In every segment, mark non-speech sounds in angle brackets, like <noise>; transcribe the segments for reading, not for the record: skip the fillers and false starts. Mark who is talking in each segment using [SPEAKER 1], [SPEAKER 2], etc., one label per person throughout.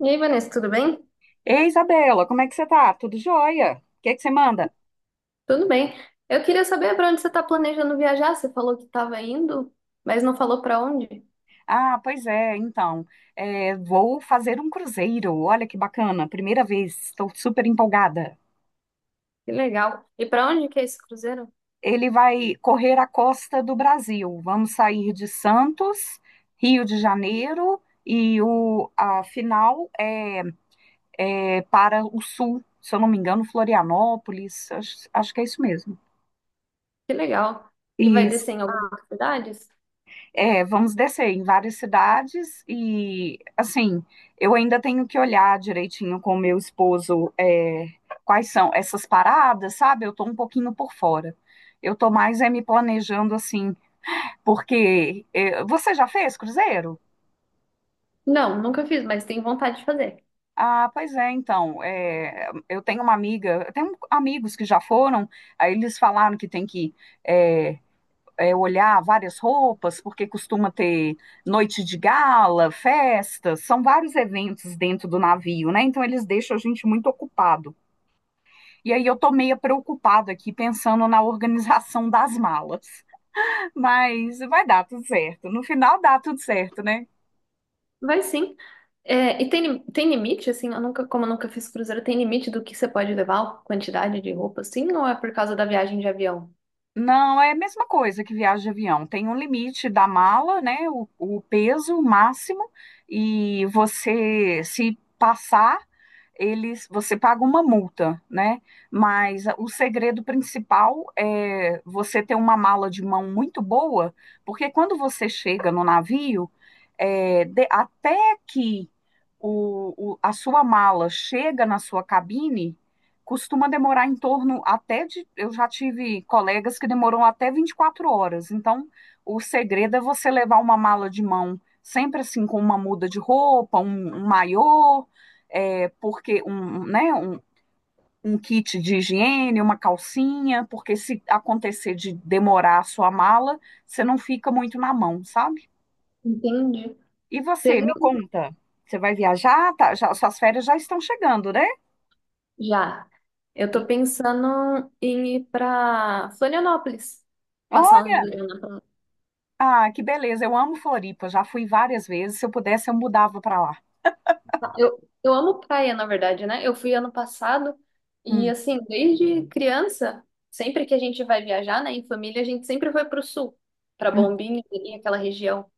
[SPEAKER 1] E aí, Vanessa, tudo bem?
[SPEAKER 2] Ei, Isabela, como é que você tá? Tudo jóia? O que é que você manda?
[SPEAKER 1] Tudo bem. Eu queria saber para onde você está planejando viajar. Você falou que estava indo, mas não falou para onde.
[SPEAKER 2] Ah, pois é, então, vou fazer um cruzeiro. Olha que bacana, primeira vez, estou super empolgada.
[SPEAKER 1] Que legal. E para onde que é esse cruzeiro?
[SPEAKER 2] Ele vai correr a costa do Brasil. Vamos sair de Santos, Rio de Janeiro, e a final é para o sul, se eu não me engano, Florianópolis, acho que é isso mesmo.
[SPEAKER 1] Que legal. E vai descer em algumas cidades?
[SPEAKER 2] É, vamos descer em várias cidades e, assim, eu ainda tenho que olhar direitinho com o meu esposo, quais são essas paradas, sabe? Eu tô um pouquinho por fora. Eu tô mais é me planejando assim, porque você já fez cruzeiro?
[SPEAKER 1] Não, nunca fiz, mas tenho vontade de fazer.
[SPEAKER 2] Ah, pois é, então, eu tenho uma amiga, eu tenho amigos que já foram, aí eles falaram que tem que é, olhar várias roupas, porque costuma ter noite de gala, festas, são vários eventos dentro do navio, né? Então eles deixam a gente muito ocupado. E aí eu tô meio preocupada aqui pensando na organização das malas. <laughs> Mas vai dar tudo certo. No final dá tudo certo, né?
[SPEAKER 1] Vai sim. É, e tem, tem limite, assim, eu nunca, como eu nunca fiz cruzeiro, tem limite do que você pode levar, quantidade de roupa, assim, ou é por causa da viagem de avião?
[SPEAKER 2] Não, é a mesma coisa que viagem de avião. Tem um limite da mala, né? O peso máximo, e você, se passar, você paga uma multa, né? Mas o segredo principal é você ter uma mala de mão muito boa, porque quando você chega no navio, até que a sua mala chega na sua cabine costuma demorar em torno até de. Eu já tive colegas que demoram até 24 horas. Então, o segredo é você levar uma mala de mão, sempre assim, com uma muda de roupa, um maiô, porque um kit de higiene, uma calcinha, porque se acontecer de demorar a sua mala, você não fica muito na mão, sabe?
[SPEAKER 1] Entendi.
[SPEAKER 2] E você,
[SPEAKER 1] Teve
[SPEAKER 2] me conta, você vai viajar? Tá, já- suas férias já estão chegando, né?
[SPEAKER 1] já. Eu
[SPEAKER 2] E
[SPEAKER 1] tô pensando em ir pra Florianópolis, passar uns
[SPEAKER 2] olha.
[SPEAKER 1] dias lá na praia.
[SPEAKER 2] Ah, que beleza. Eu amo Floripa. Já fui várias vezes. Se eu pudesse, eu mudava para lá.
[SPEAKER 1] Eu amo praia, na verdade, né? Eu fui ano passado e,
[SPEAKER 2] Hum,
[SPEAKER 1] assim, desde criança, sempre que a gente vai viajar, né, em família, a gente sempre foi pro sul, pra
[SPEAKER 2] hum.
[SPEAKER 1] Bombinhas ali, aquela região.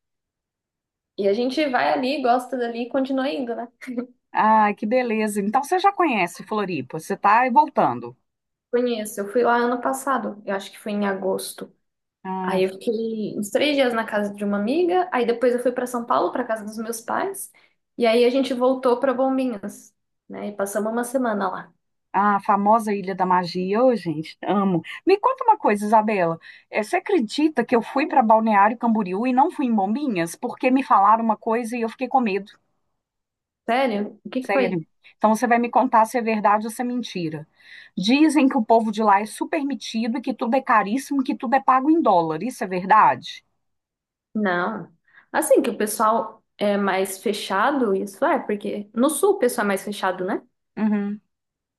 [SPEAKER 1] E a gente vai ali, gosta dali e continua indo, né?
[SPEAKER 2] Ah, que beleza. Então você já conhece Floripa. Você está voltando.
[SPEAKER 1] Conheço. Eu fui lá ano passado, eu acho que foi em agosto.
[SPEAKER 2] Ah,
[SPEAKER 1] Aí eu fiquei uns três dias na casa de uma amiga, aí depois eu fui para São Paulo, para casa dos meus pais, e aí a gente voltou para Bombinhas, né? E passamos uma semana lá.
[SPEAKER 2] ah, a famosa Ilha da Magia. Ô, gente, amo. Me conta uma coisa, Isabela. Eh, você acredita que eu fui para Balneário Camboriú e não fui em Bombinhas? Porque me falaram uma coisa e eu fiquei com medo.
[SPEAKER 1] Sério? O que que foi?
[SPEAKER 2] Sério. Então você vai me contar se é verdade ou se é mentira. Dizem que o povo de lá é super metido e que tudo é caríssimo, que tudo é pago em dólar. Isso é verdade?
[SPEAKER 1] Não. Assim que o pessoal é mais fechado, isso é, porque no sul o pessoal é mais fechado, né?
[SPEAKER 2] Uhum,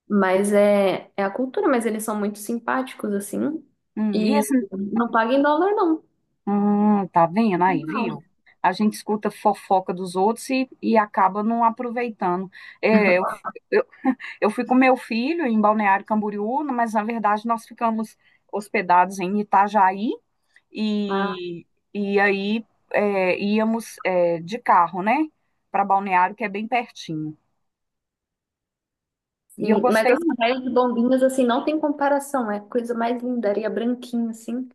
[SPEAKER 1] Mas é a cultura, mas eles são muito simpáticos, assim,
[SPEAKER 2] uhum. E
[SPEAKER 1] e
[SPEAKER 2] esse,
[SPEAKER 1] não pagam em dólar, não.
[SPEAKER 2] tá vendo aí, viu?
[SPEAKER 1] Não.
[SPEAKER 2] A gente escuta fofoca dos outros e, acaba não aproveitando. É, eu, eu, eu fui com meu filho em Balneário Camboriú, mas na verdade nós ficamos hospedados em Itajaí
[SPEAKER 1] Ah,
[SPEAKER 2] e, e aí íamos de carro, né? Para Balneário, que é bem pertinho. E eu
[SPEAKER 1] sim. Mas
[SPEAKER 2] gostei
[SPEAKER 1] as
[SPEAKER 2] muito.
[SPEAKER 1] praias de Bombinhas, assim, não tem comparação, é a coisa mais linda, areia branquinha, assim.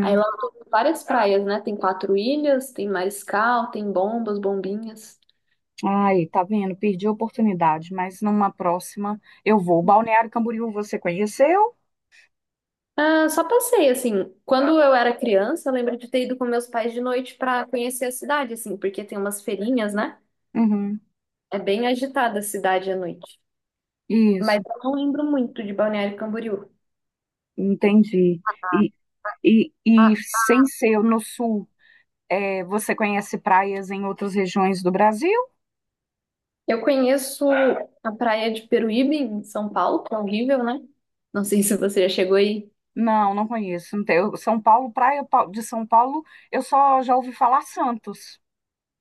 [SPEAKER 1] Aí lá tem várias praias, né? Tem Quatro Ilhas, tem Mariscal, tem Bombas, Bombinhas.
[SPEAKER 2] Ai, tá vendo? Perdi a oportunidade, mas numa próxima eu vou. Balneário Camboriú, você conheceu?
[SPEAKER 1] Ah, só passei, assim, quando eu era criança, eu lembro de ter ido com meus pais de noite pra conhecer a cidade, assim, porque tem umas feirinhas, né?
[SPEAKER 2] Uhum,
[SPEAKER 1] É bem agitada a cidade à noite. Mas
[SPEAKER 2] isso,
[SPEAKER 1] eu não lembro muito de Balneário Camboriú.
[SPEAKER 2] entendi. E, e e sem ser no sul, você conhece praias em outras regiões do Brasil?
[SPEAKER 1] Eu conheço a praia de Peruíbe, em São Paulo, que é horrível, né? Não sei se você já chegou aí.
[SPEAKER 2] Não, não conheço. Não tem- eu- São Paulo, praia pa- de São Paulo, eu só já ouvi falar Santos.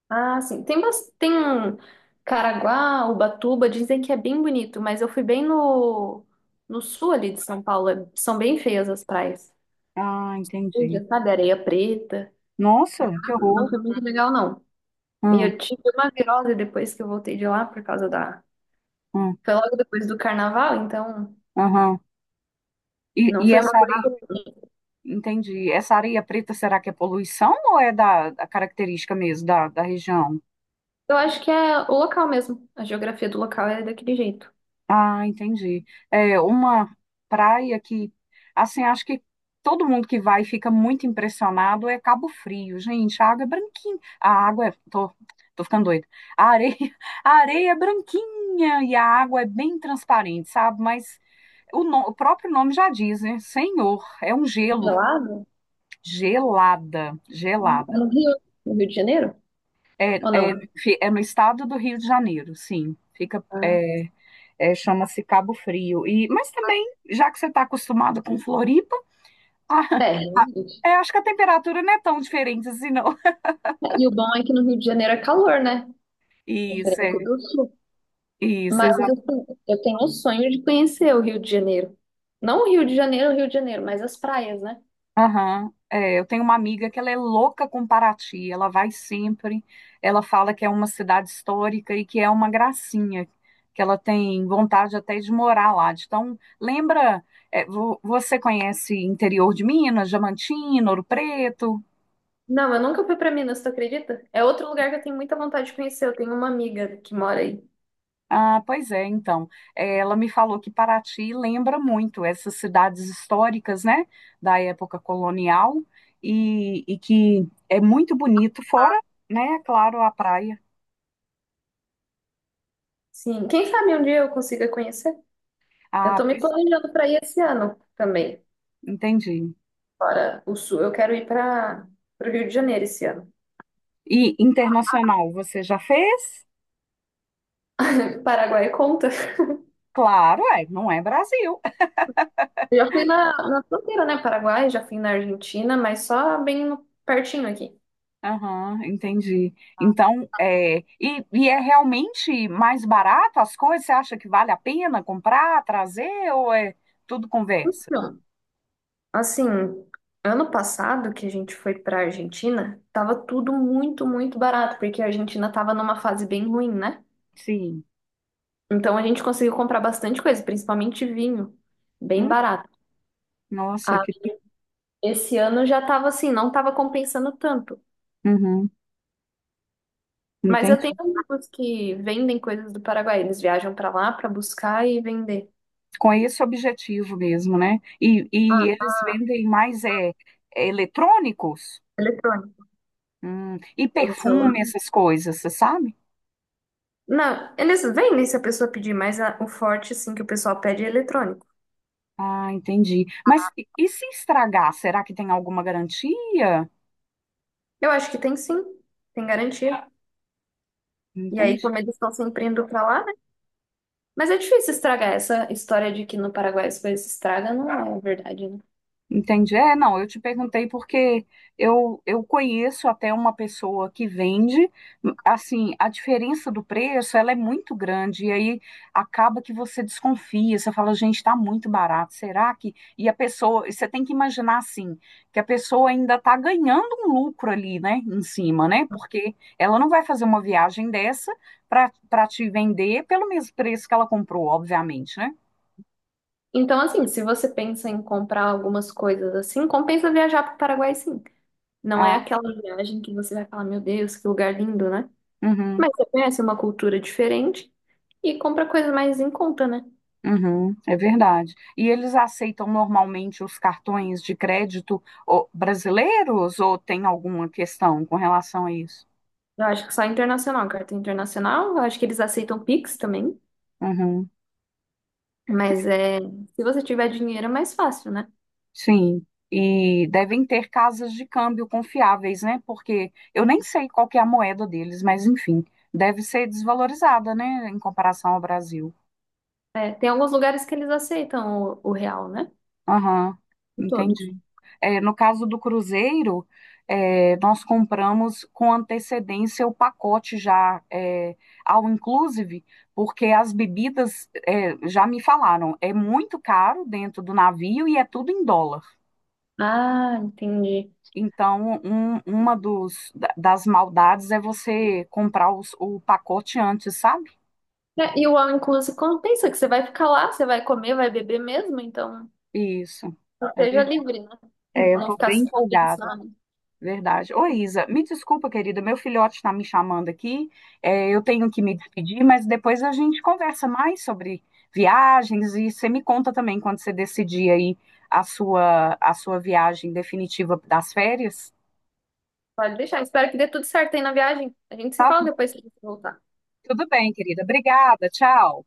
[SPEAKER 1] Ah, sim. Tem, tem um Caraguá, Ubatuba, dizem que é bem bonito, mas eu fui bem no sul ali de São Paulo. É- São bem feias as praias.
[SPEAKER 2] Ah, entendi.
[SPEAKER 1] Suja, sabe, areia preta.
[SPEAKER 2] Nossa, que
[SPEAKER 1] Não
[SPEAKER 2] horror.
[SPEAKER 1] foi muito legal, não. E
[SPEAKER 2] Hum,
[SPEAKER 1] eu tive uma virose depois que eu voltei de lá por causa da.
[SPEAKER 2] hum,
[SPEAKER 1] Foi logo depois do carnaval, então
[SPEAKER 2] aham. E,
[SPEAKER 1] não
[SPEAKER 2] e
[SPEAKER 1] foi uma.
[SPEAKER 2] essa areia, entendi. Essa areia preta, será que é poluição ou é da característica mesmo da região?
[SPEAKER 1] Eu acho que é o local mesmo. A geografia do local é daquele jeito.
[SPEAKER 2] Ah, entendi. É uma praia que, assim, acho que todo mundo que vai fica muito impressionado é Cabo Frio, gente. A água é branquinha. A água é. Tô ficando doida. A areia, <laughs> a areia é branquinha e a água é bem transparente, sabe? Mas o, no- o próprio nome já diz, né? Senhor, é um gelo.
[SPEAKER 1] Gelado?
[SPEAKER 2] Gelada,
[SPEAKER 1] É.
[SPEAKER 2] gelada.
[SPEAKER 1] No Rio, no Rio de Janeiro?
[SPEAKER 2] É,
[SPEAKER 1] Ou não?
[SPEAKER 2] é no estado do Rio de Janeiro, sim. Fica.
[SPEAKER 1] Ah,
[SPEAKER 2] É, chama-se Cabo Frio. E, mas também, já que você está acostumado com Floripa, <laughs> ah,
[SPEAKER 1] é.
[SPEAKER 2] acho que a temperatura não é tão diferente assim, não.
[SPEAKER 1] E o bom é que no Rio de Janeiro é calor, né?
[SPEAKER 2] Isso,
[SPEAKER 1] Diferente do Sul.
[SPEAKER 2] isso,
[SPEAKER 1] Mas
[SPEAKER 2] exato.
[SPEAKER 1] assim, eu tenho o sonho de conhecer o Rio de Janeiro. Não o Rio de Janeiro, o Rio de Janeiro, mas as praias, né?
[SPEAKER 2] Aham. É, eu tenho uma amiga que ela é louca com Paraty, ela vai sempre, ela fala que é uma cidade histórica e que é uma gracinha, que ela tem vontade até de morar lá. Então, lembra, você conhece interior de Minas, Diamantina, Ouro Preto?
[SPEAKER 1] Não, eu nunca fui pra Minas, tu acredita? É outro lugar que eu tenho muita vontade de conhecer. Eu tenho uma amiga que mora aí.
[SPEAKER 2] Ah, pois é, então. Eh, ela me falou que Paraty lembra muito essas cidades históricas, né, da época colonial, e que é muito bonito, fora, né, claro, a praia.
[SPEAKER 1] Sim, quem sabe um dia eu consiga conhecer? Eu tô
[SPEAKER 2] Ah,
[SPEAKER 1] me
[SPEAKER 2] pois,
[SPEAKER 1] planejando pra ir esse ano também,
[SPEAKER 2] entendi.
[SPEAKER 1] fora o Sul. Eu quero ir para o Rio de Janeiro esse ano.
[SPEAKER 2] E internacional, você já fez?
[SPEAKER 1] Paraguai conta. <laughs>
[SPEAKER 2] Claro, não é Brasil.
[SPEAKER 1] Eu já fui na fronteira, né? Paraguai, já fui na Argentina, mas só bem pertinho aqui.
[SPEAKER 2] Aham, entendi. Então, e é realmente mais barato as coisas? Você acha que vale a pena comprar, trazer, ou é tudo conversa?
[SPEAKER 1] Assim, ano passado que a gente foi para a Argentina, tava tudo muito, muito barato, porque a Argentina tava numa fase bem ruim, né?
[SPEAKER 2] Sim.
[SPEAKER 1] Então a gente conseguiu comprar bastante coisa, principalmente vinho, bem
[SPEAKER 2] Hum.
[SPEAKER 1] barato.
[SPEAKER 2] Nossa,
[SPEAKER 1] Ah,
[SPEAKER 2] que
[SPEAKER 1] esse ano já tava assim, não tava compensando tanto.
[SPEAKER 2] uhum,
[SPEAKER 1] Mas eu tenho
[SPEAKER 2] entendi.
[SPEAKER 1] amigos que vendem coisas do Paraguai, eles viajam para lá para buscar e vender.
[SPEAKER 2] Com esse objetivo mesmo, né? E eles vendem mais eletrônicos.
[SPEAKER 1] Eletrônico.
[SPEAKER 2] E
[SPEAKER 1] Vende
[SPEAKER 2] perfume,
[SPEAKER 1] celular.
[SPEAKER 2] essas coisas, você sabe?
[SPEAKER 1] Não, eles vendem se a pessoa pedir, mas a- o forte, assim, que o pessoal pede é eletrônico.
[SPEAKER 2] Ah, entendi. Mas se estragar, será que tem alguma garantia?
[SPEAKER 1] Eu acho que tem sim, tem garantia. E aí,
[SPEAKER 2] Entendi.
[SPEAKER 1] como eles estão sempre indo pra lá, né? Mas é difícil estragar, essa história de que no Paraguai as coisas se estragam, não é verdade, né?
[SPEAKER 2] Entendi. É, não, eu te perguntei porque eu conheço até uma pessoa que vende, assim, a diferença do preço, ela é muito grande, e aí acaba que você desconfia, você fala, gente, tá muito barato, será que... E a pessoa, e você tem que imaginar, assim, que a pessoa ainda tá ganhando um lucro ali, né, em cima, né, porque ela não vai fazer uma viagem dessa para te vender pelo mesmo preço que ela comprou, obviamente, né?
[SPEAKER 1] Então, assim, se você pensa em comprar algumas coisas assim, compensa viajar pro Paraguai, sim. Não é
[SPEAKER 2] Ah,
[SPEAKER 1] aquela viagem que você vai falar, meu Deus, que lugar lindo, né?
[SPEAKER 2] uhum.
[SPEAKER 1] Mas você conhece uma cultura diferente e compra coisa mais em conta, né?
[SPEAKER 2] Uhum, é verdade. E eles aceitam normalmente os cartões de crédito ô, brasileiros ou tem alguma questão com relação a isso?
[SPEAKER 1] Eu acho que só internacional, cartão internacional, eu acho que eles aceitam Pix também.
[SPEAKER 2] Uhum,
[SPEAKER 1] Mas é, se você tiver dinheiro é mais fácil, né?
[SPEAKER 2] sim. E devem ter casas de câmbio confiáveis, né? Porque eu nem sei qual que é a moeda deles, mas enfim, deve ser desvalorizada, né, em comparação ao Brasil.
[SPEAKER 1] É, tem alguns lugares que eles aceitam o real, né?
[SPEAKER 2] Aham,
[SPEAKER 1] Em todos.
[SPEAKER 2] entendi. É, no caso do cruzeiro, nós compramos com antecedência o pacote ao inclusive, porque as bebidas é, já me falaram, é muito caro dentro do navio e é tudo em dólar.
[SPEAKER 1] Ah, entendi.
[SPEAKER 2] Então, uma das maldades é você comprar o pacote antes, sabe?
[SPEAKER 1] É, e o all inclusive compensa que você vai ficar lá, você vai comer, vai beber mesmo, então
[SPEAKER 2] Isso. É
[SPEAKER 1] seja
[SPEAKER 2] verdade.
[SPEAKER 1] livre, né?
[SPEAKER 2] É, eu
[SPEAKER 1] Não
[SPEAKER 2] estou
[SPEAKER 1] ficar
[SPEAKER 2] bem
[SPEAKER 1] só
[SPEAKER 2] empolgada.
[SPEAKER 1] pensando.
[SPEAKER 2] Verdade. Ô, Isa, me desculpa, querida, meu filhote está me chamando aqui. É, eu tenho que me despedir, mas depois a gente conversa mais sobre viagens e você me conta também quando você decidir aí a sua viagem definitiva das férias.
[SPEAKER 1] Pode deixar. Espero que dê tudo certo aí na viagem. A gente se
[SPEAKER 2] Tá?
[SPEAKER 1] fala depois que você voltar.
[SPEAKER 2] Tudo bem, querida. Obrigada. Tchau.